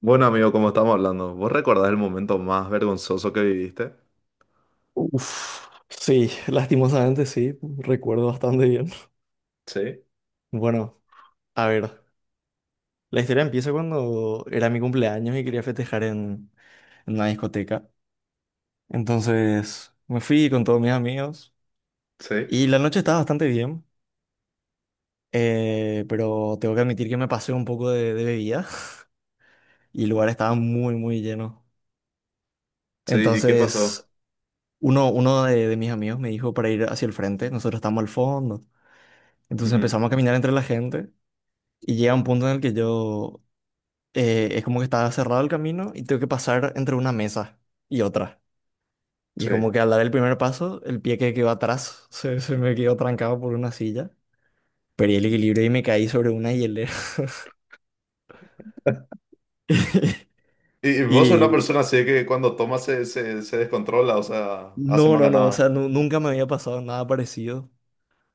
Bueno, amigo, como estamos hablando, ¿vos recordás el momento más vergonzoso que viviste? Uf, sí, lastimosamente sí, recuerdo bastante bien. Sí, Bueno, a ver, la historia empieza cuando era mi cumpleaños y quería festejar en una discoteca. Entonces me fui con todos mis amigos sí. y la noche estaba bastante bien, pero tengo que admitir que me pasé un poco de bebida y el lugar estaba muy, muy lleno. Sí, ¿y qué Entonces pasó? uno de mis amigos me dijo para ir hacia el frente, nosotros estamos al fondo. Entonces Ujú, empezamos a caminar entre la gente. Y llega un punto en el que es como que estaba cerrado el camino y tengo que pasar entre una mesa y otra. Y es sí. como que al dar el primer paso, el pie que quedó atrás se me quedó trancado por una silla. Perdí el equilibrio y me caí sobre una hielera. Y vos sos una Y persona así que cuando toma se descontrola, o sea, hace no, más no, no, o sea, ganada. Nunca me había pasado nada parecido,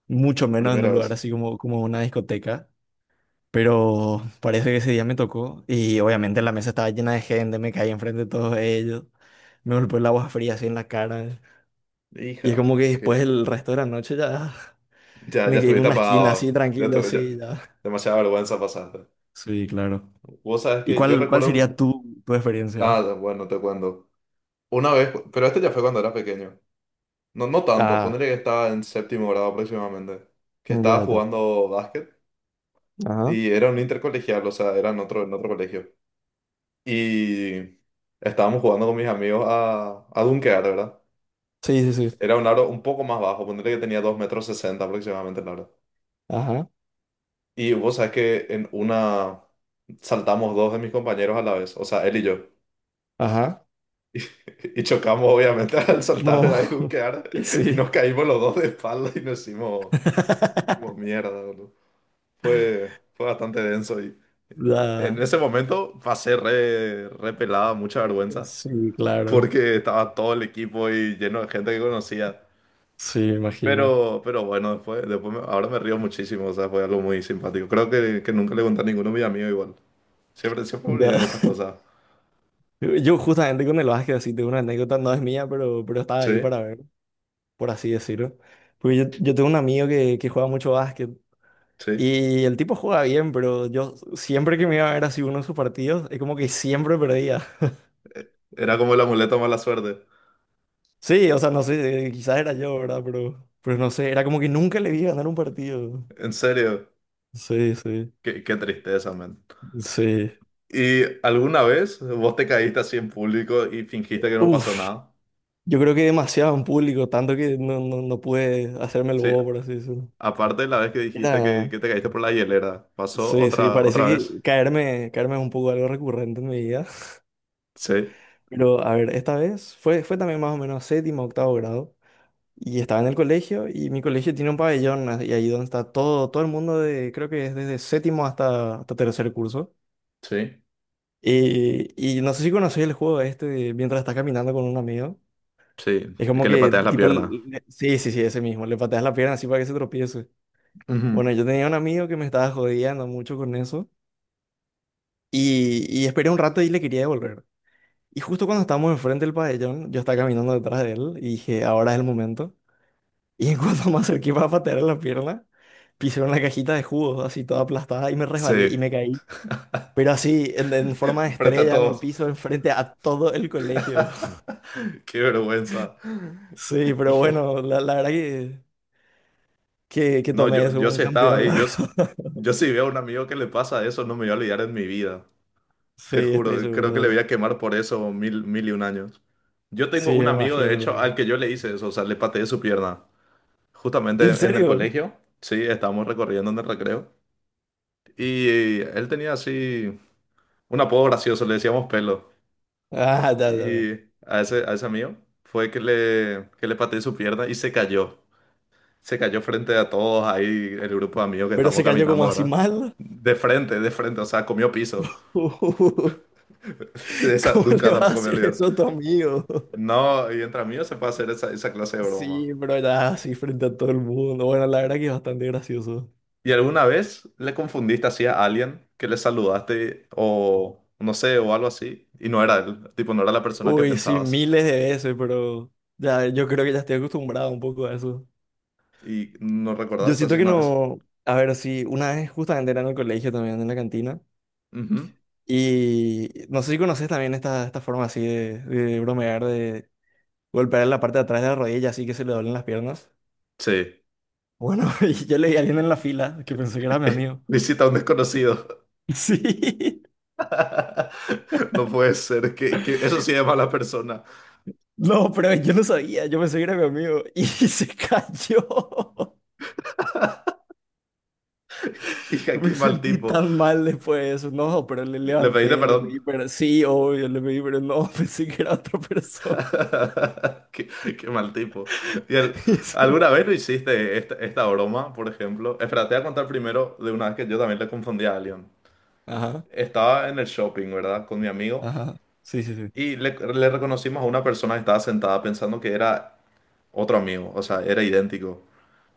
mucho menos en Primera un lugar vez. así como, como una discoteca. Pero parece que ese día me tocó y obviamente la mesa estaba llena de gente, me caí enfrente de todos ellos, me golpeó el agua fría así en la cara. Y es Hija, como que después que el resto de la noche ya ya, ya me quedé en estuviste una esquina así apagado. Ya tranquilo, tuve, ya- sí, ya. Demasiada vergüenza pasaste. Sí, claro. Vos sabés ¿Y que yo cuál recuerdo. sería Un- tu experiencia? Ah, bueno, te cuento. Una vez, pero este ya fue cuando era pequeño. No, no tanto, Ah, ponerle que estaba en séptimo grado aproximadamente. Que estaba ya está. jugando básquet. Ajá. Y era un intercolegial, o sea, era en otro colegio. Y estábamos jugando con mis amigos a dunkear, ¿verdad? Sí, sí, sí. Era un aro un poco más bajo, ponerle que tenía 2 metros 60 aproximadamente el aro. Ajá, Y vos sabés que en una saltamos dos de mis compañeros a la vez, o sea, él y yo. ajá. Y, chocamos obviamente al saltar era No. y dunkear Y y nos sí. caímos los dos de espalda y nos hicimos, hicimos mierda, boludo. Fue bastante denso y en Ya. ese momento pasé re pelada, mucha vergüenza. Sí, claro. Porque estaba todo el equipo y lleno de gente que conocía. Sí, me imagino. Pero bueno, después, después me- ahora me río muchísimo, o sea, fue algo muy simpático. Creo que nunca le conté a ninguno de mis amigos igual. Siempre, siempre me Ya. olvidé de esas cosas. Yo justamente con el básquet así tengo una anécdota, no es mía, pero estaba Sí, ahí para ver, por así decirlo. Porque yo tengo un amigo que juega mucho básquet. sí. Y el tipo juega bien, pero yo siempre que me iba a ver así uno de sus partidos, es como que siempre perdía. Era como el amuleto de mala suerte. Sí, o sea, no sé, quizás era yo, ¿verdad? Pero no sé, era como que nunca le vi ganar un partido. En serio, Sí, sí, qué, qué tristeza, man. sí. ¿Y alguna vez vos te caíste así en público y fingiste que no pasó Uf, nada? yo creo que demasiado en público, tanto que no, no, no pude hacerme el Sí, bobo, por así decirlo. aparte de la vez que dijiste que, Era, que te caíste por la hielera, ¿pasó sí, sí, otra, parece otra vez? que caerme, caerme es un poco algo recurrente en mi vida. Sí, Pero a ver, esta vez fue también más o menos séptimo, octavo grado. Y estaba en el colegio y mi colegio tiene un pabellón, y ahí donde está todo, todo el mundo de, creo que es desde séptimo hasta tercer curso. sí, Y no sé si conocéis el juego este de mientras estás caminando con un amigo. sí, Es como que le que pateas la tipo, pierna. Sí, sí, sí, ese mismo, le pateas la pierna así para que se tropiece. Ujú, Bueno, yo tenía un amigo que me estaba jodiendo mucho con eso y esperé un rato y le quería devolver. Y justo cuando estábamos enfrente del pabellón, yo estaba caminando detrás de él y dije, ahora es el momento. Y en cuando me acerqué para patear la pierna, pisé una cajita de jugos así toda aplastada y me resbalé sí. y me caí. Pero así, en forma de Frente a estrella en el todos. piso, enfrente a todo el colegio. Qué vergüenza. Sí, pero Hija. bueno, la verdad que que No, tomé yo, eso yo como un sí estaba campeón, ahí. la Yo, s- verdad. yo sí veo a un amigo que le pasa eso, no me voy a olvidar en mi vida. Sí, Te estoy juro, seguro creo que de le eso. voy a quemar por eso mil, mil y un años. Yo tengo Sí, un me amigo, de imagino, la hecho, al verdad. que yo le hice eso, o sea, le pateé su pierna. Justamente ¿En en el serio? colegio, sí, estábamos recorriendo en el recreo. Y él tenía así un apodo gracioso, le decíamos pelo. Ah, ya, ya, Y ya. A ese amigo fue que le pateé su pierna y se cayó. Se cayó frente a todos ahí, el grupo de amigos que Pero estamos se cayó como caminando, así ¿verdad? mal. De frente, o sea, comió piso. ¿Cómo De esa le nunca vas a tampoco me hacer olvidé. eso a tu amigo? No, y entre amigos se puede hacer esa, esa clase de broma. Sí, pero ya, así frente a todo el mundo. Bueno, la verdad que es bastante gracioso. ¿Y alguna vez le confundiste así a alguien que le saludaste o no sé, o algo así? Y no era él, tipo, no era la persona que Uy, sí, pensabas. miles de veces, pero ya yo creo que ya estoy acostumbrado un poco a eso. ¿Y no Yo recordás siento así que una vez? no, a ver, sí, una vez justamente era en el colegio también, en la cantina, Ujú. y no sé si conoces también esta forma así de bromear, de golpear en la parte de atrás de la rodilla así que se le doblen las piernas. Sí. Bueno, y yo le di a alguien en la fila que pensó que era mi amigo. Visita a un desconocido. Sí, No puede ser, que eso sí es mala persona. no, pero yo no sabía, yo pensé que era mi amigo y se cayó. Hija, Me qué mal sentí tipo. tan mal después de eso. No, pero le Le pediste levanté, le perdón. pedí, pero sí, obvio, le pedí, pero no, pensé que era otra persona. Qué, qué mal tipo. ¿Y al- Y sí. alguna vez lo hiciste esta, esta broma, por ejemplo? Espera, te voy a contar primero de una vez que yo también le confundí a alguien. Ajá, Estaba en el shopping, ¿verdad? Con mi amigo. ajá. Sí, sí, sí. Y le reconocimos a una persona que estaba sentada pensando que era otro amigo. O sea, era idéntico.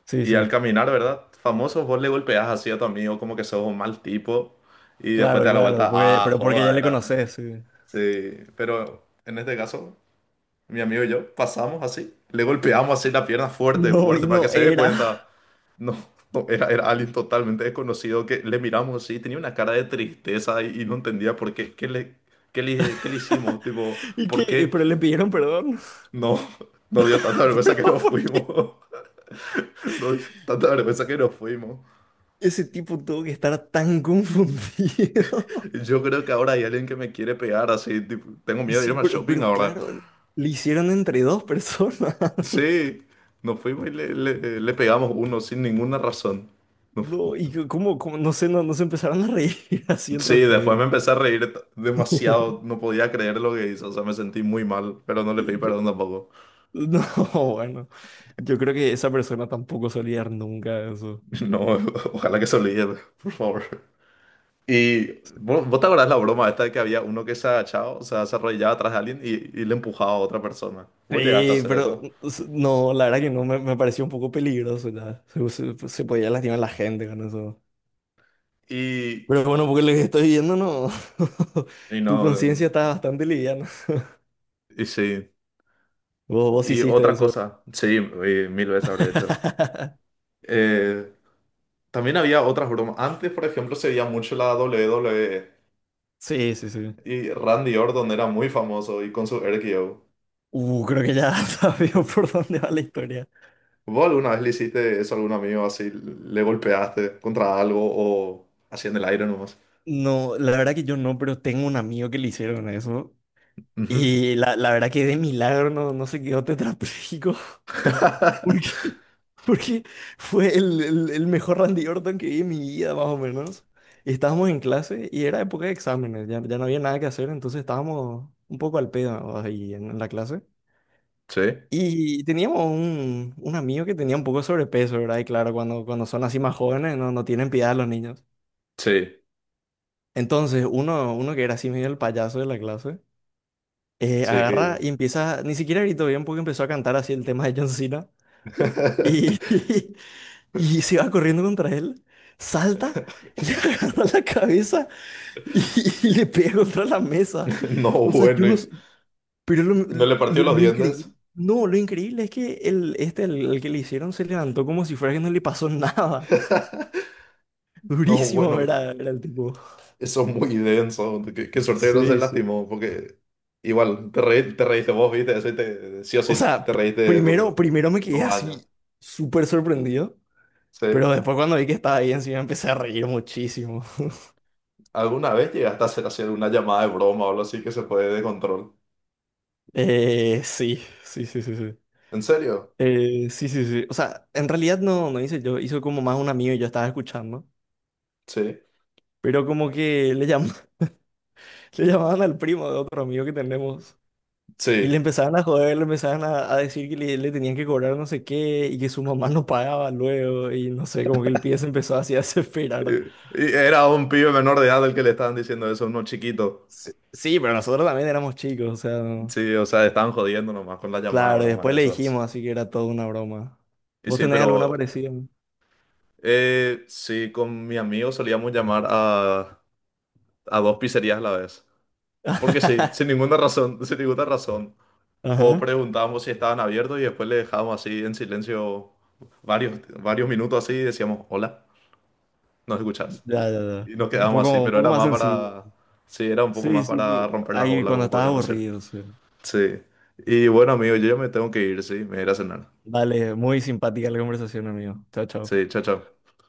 Sí, Y al sí. caminar, ¿verdad? Famoso, vos le golpeás así a tu amigo como que sos un mal tipo y después Claro, te da la claro. vuelta, Porque, ah, pero porque ya joda, le ¿verdad? conoces, sí. Sí, pero en este caso, mi amigo y yo pasamos así, le golpeamos así la pierna fuerte, No, fuerte, y para que no se dé cuenta. era. No, no, era, era alguien totalmente desconocido que le miramos así, tenía una cara de tristeza y no entendía por qué, qué le, qué le hicimos, tipo, ¿Y qué? ¿por Y qué? pero le pidieron perdón. No, nos dio tanta vergüenza que Pero nos ¿por fuimos, nos dio tanta vergüenza que nos fuimos. qué ese tipo tuvo que estar tan confundido? Yo creo que ahora hay alguien que me quiere pegar así. Tipo, tengo Y miedo de sí, irme al shopping pero ahora. claro, le hicieron entre dos personas. Sí, nos fuimos y le- le pegamos uno sin ninguna razón. Nos fuimos. No, y que- no sé, no, no se empezaron a reír así entre Sí, ustedes. después me empecé a reír t- demasiado. No podía creer lo que hizo. O sea, me sentí muy mal, pero no le pedí Yo- perdón tampoco. no, bueno, yo creo que esa persona tampoco se olvidar nunca de eso. No, ojalá que se olvide, por favor. Y ¿vo- vos te acordás la broma esta de que había uno que se agachaba, o sea, se arrodillaba atrás de alguien y le empujaba a otra persona? Vos llegaste a Sí, hacer pero eso. No, la verdad que no, me pareció un poco peligroso ya. Pues, se podía lastimar a la gente con eso. Y, Pero bueno, porque lo que estoy viendo, no. Tu no, conciencia está bastante liviana. Sí. Vos, vos Y hiciste otra eso. cosa, sí, mil veces habré hecho. Eh, también había otras bromas. Antes, por ejemplo, se veía mucho la WWE Sí, sí, sí. y Randy Orton era muy famoso y con su RKO. Creo que ya sabía por dónde va la historia. ¿Vos alguna vez le hiciste eso a algún amigo así? ¿Le golpeaste contra algo o así en el aire nomás? No, la verdad que yo no, pero tengo un amigo que le hicieron eso. Ujú. Y la verdad que de milagro no, no se quedó tetrapléjico. Porque, porque fue el mejor Randy Orton que vi en mi vida, más o menos. Y estábamos en clase y era época de exámenes, ya, ya no había nada que hacer, entonces estábamos un poco al pedo ahí en la clase. Sí, Y teníamos un amigo que tenía un poco de sobrepeso, ¿verdad? Y claro, cuando, cuando son así más jóvenes no, no tienen piedad los niños. sí, Entonces, uno que era así medio el payaso de la clase. Sí, ¿qué Agarra hizo? y empieza, ni siquiera gritó bien porque empezó a cantar así el tema de John Cena y, y se va corriendo contra él, salta, le agarra la cabeza y, y le pega contra la mesa. No, O sea, yo bueno, no, y- s- pero ¿no le partió los lo increíble, dientes? no, lo increíble es que el que le hicieron se levantó como si fuera que no le pasó nada. No, Durísimo bueno. era, era el tipo. Eso es muy denso. Qué, qué suerte que no se Sí, sí. lastimó, porque igual te, reí- te reíste vos, viste, eso y te, sí o O sí sea, te reíste primero, do- primero me quedé dos años. así súper sorprendido. ¿Sí? Pero después cuando vi que estaba ahí encima empecé a reír muchísimo. ¿Alguna vez llegaste a hacer, hacer una llamada de broma o algo así que se fue de control? Sí, sí, sí, sí, sí. ¿En serio? Sí, sí, sí. O sea, en realidad no, no hice yo, hizo como más un amigo y yo estaba escuchando. Sí. Pero como que le llamaban al primo de otro amigo que tenemos. Y le Sí. empezaban a joder, le empezaban a decir que le tenían que cobrar no sé qué y que su mamá no pagaba luego. Y no sé, como que el pie se empezó así a desesperar. Y era un pibe menor de edad el que le estaban diciendo eso, uno chiquito. Sí, sí, pero nosotros también éramos chicos, o sea. Sí, o sea, estaban jodiendo nomás con la llamada de Claro, y broma después le esas. dijimos, así que era toda una broma. Y ¿Vos sí, tenés alguna pero parecida? Sí, con mi amigo solíamos llamar a dos pizzerías a la vez. Porque sí, sin ninguna razón, sin ninguna razón. O Ajá. preguntábamos si estaban abiertos y después le dejábamos así en silencio varios, varios minutos así y decíamos, hola, ¿nos escuchás? Ya, ya, ya. Y nos quedábamos así, Un pero poco era más más sencillo. para, sí, era un poco Sí, más sí, para romper las ahí olas, cuando como estás podríamos decir. aburrido. Sí. Sí. Y bueno, amigo, yo ya me tengo que ir, sí, me iré a cenar. Dale, muy simpática la conversación, amigo. Chao, chao. Sí, chao, chao.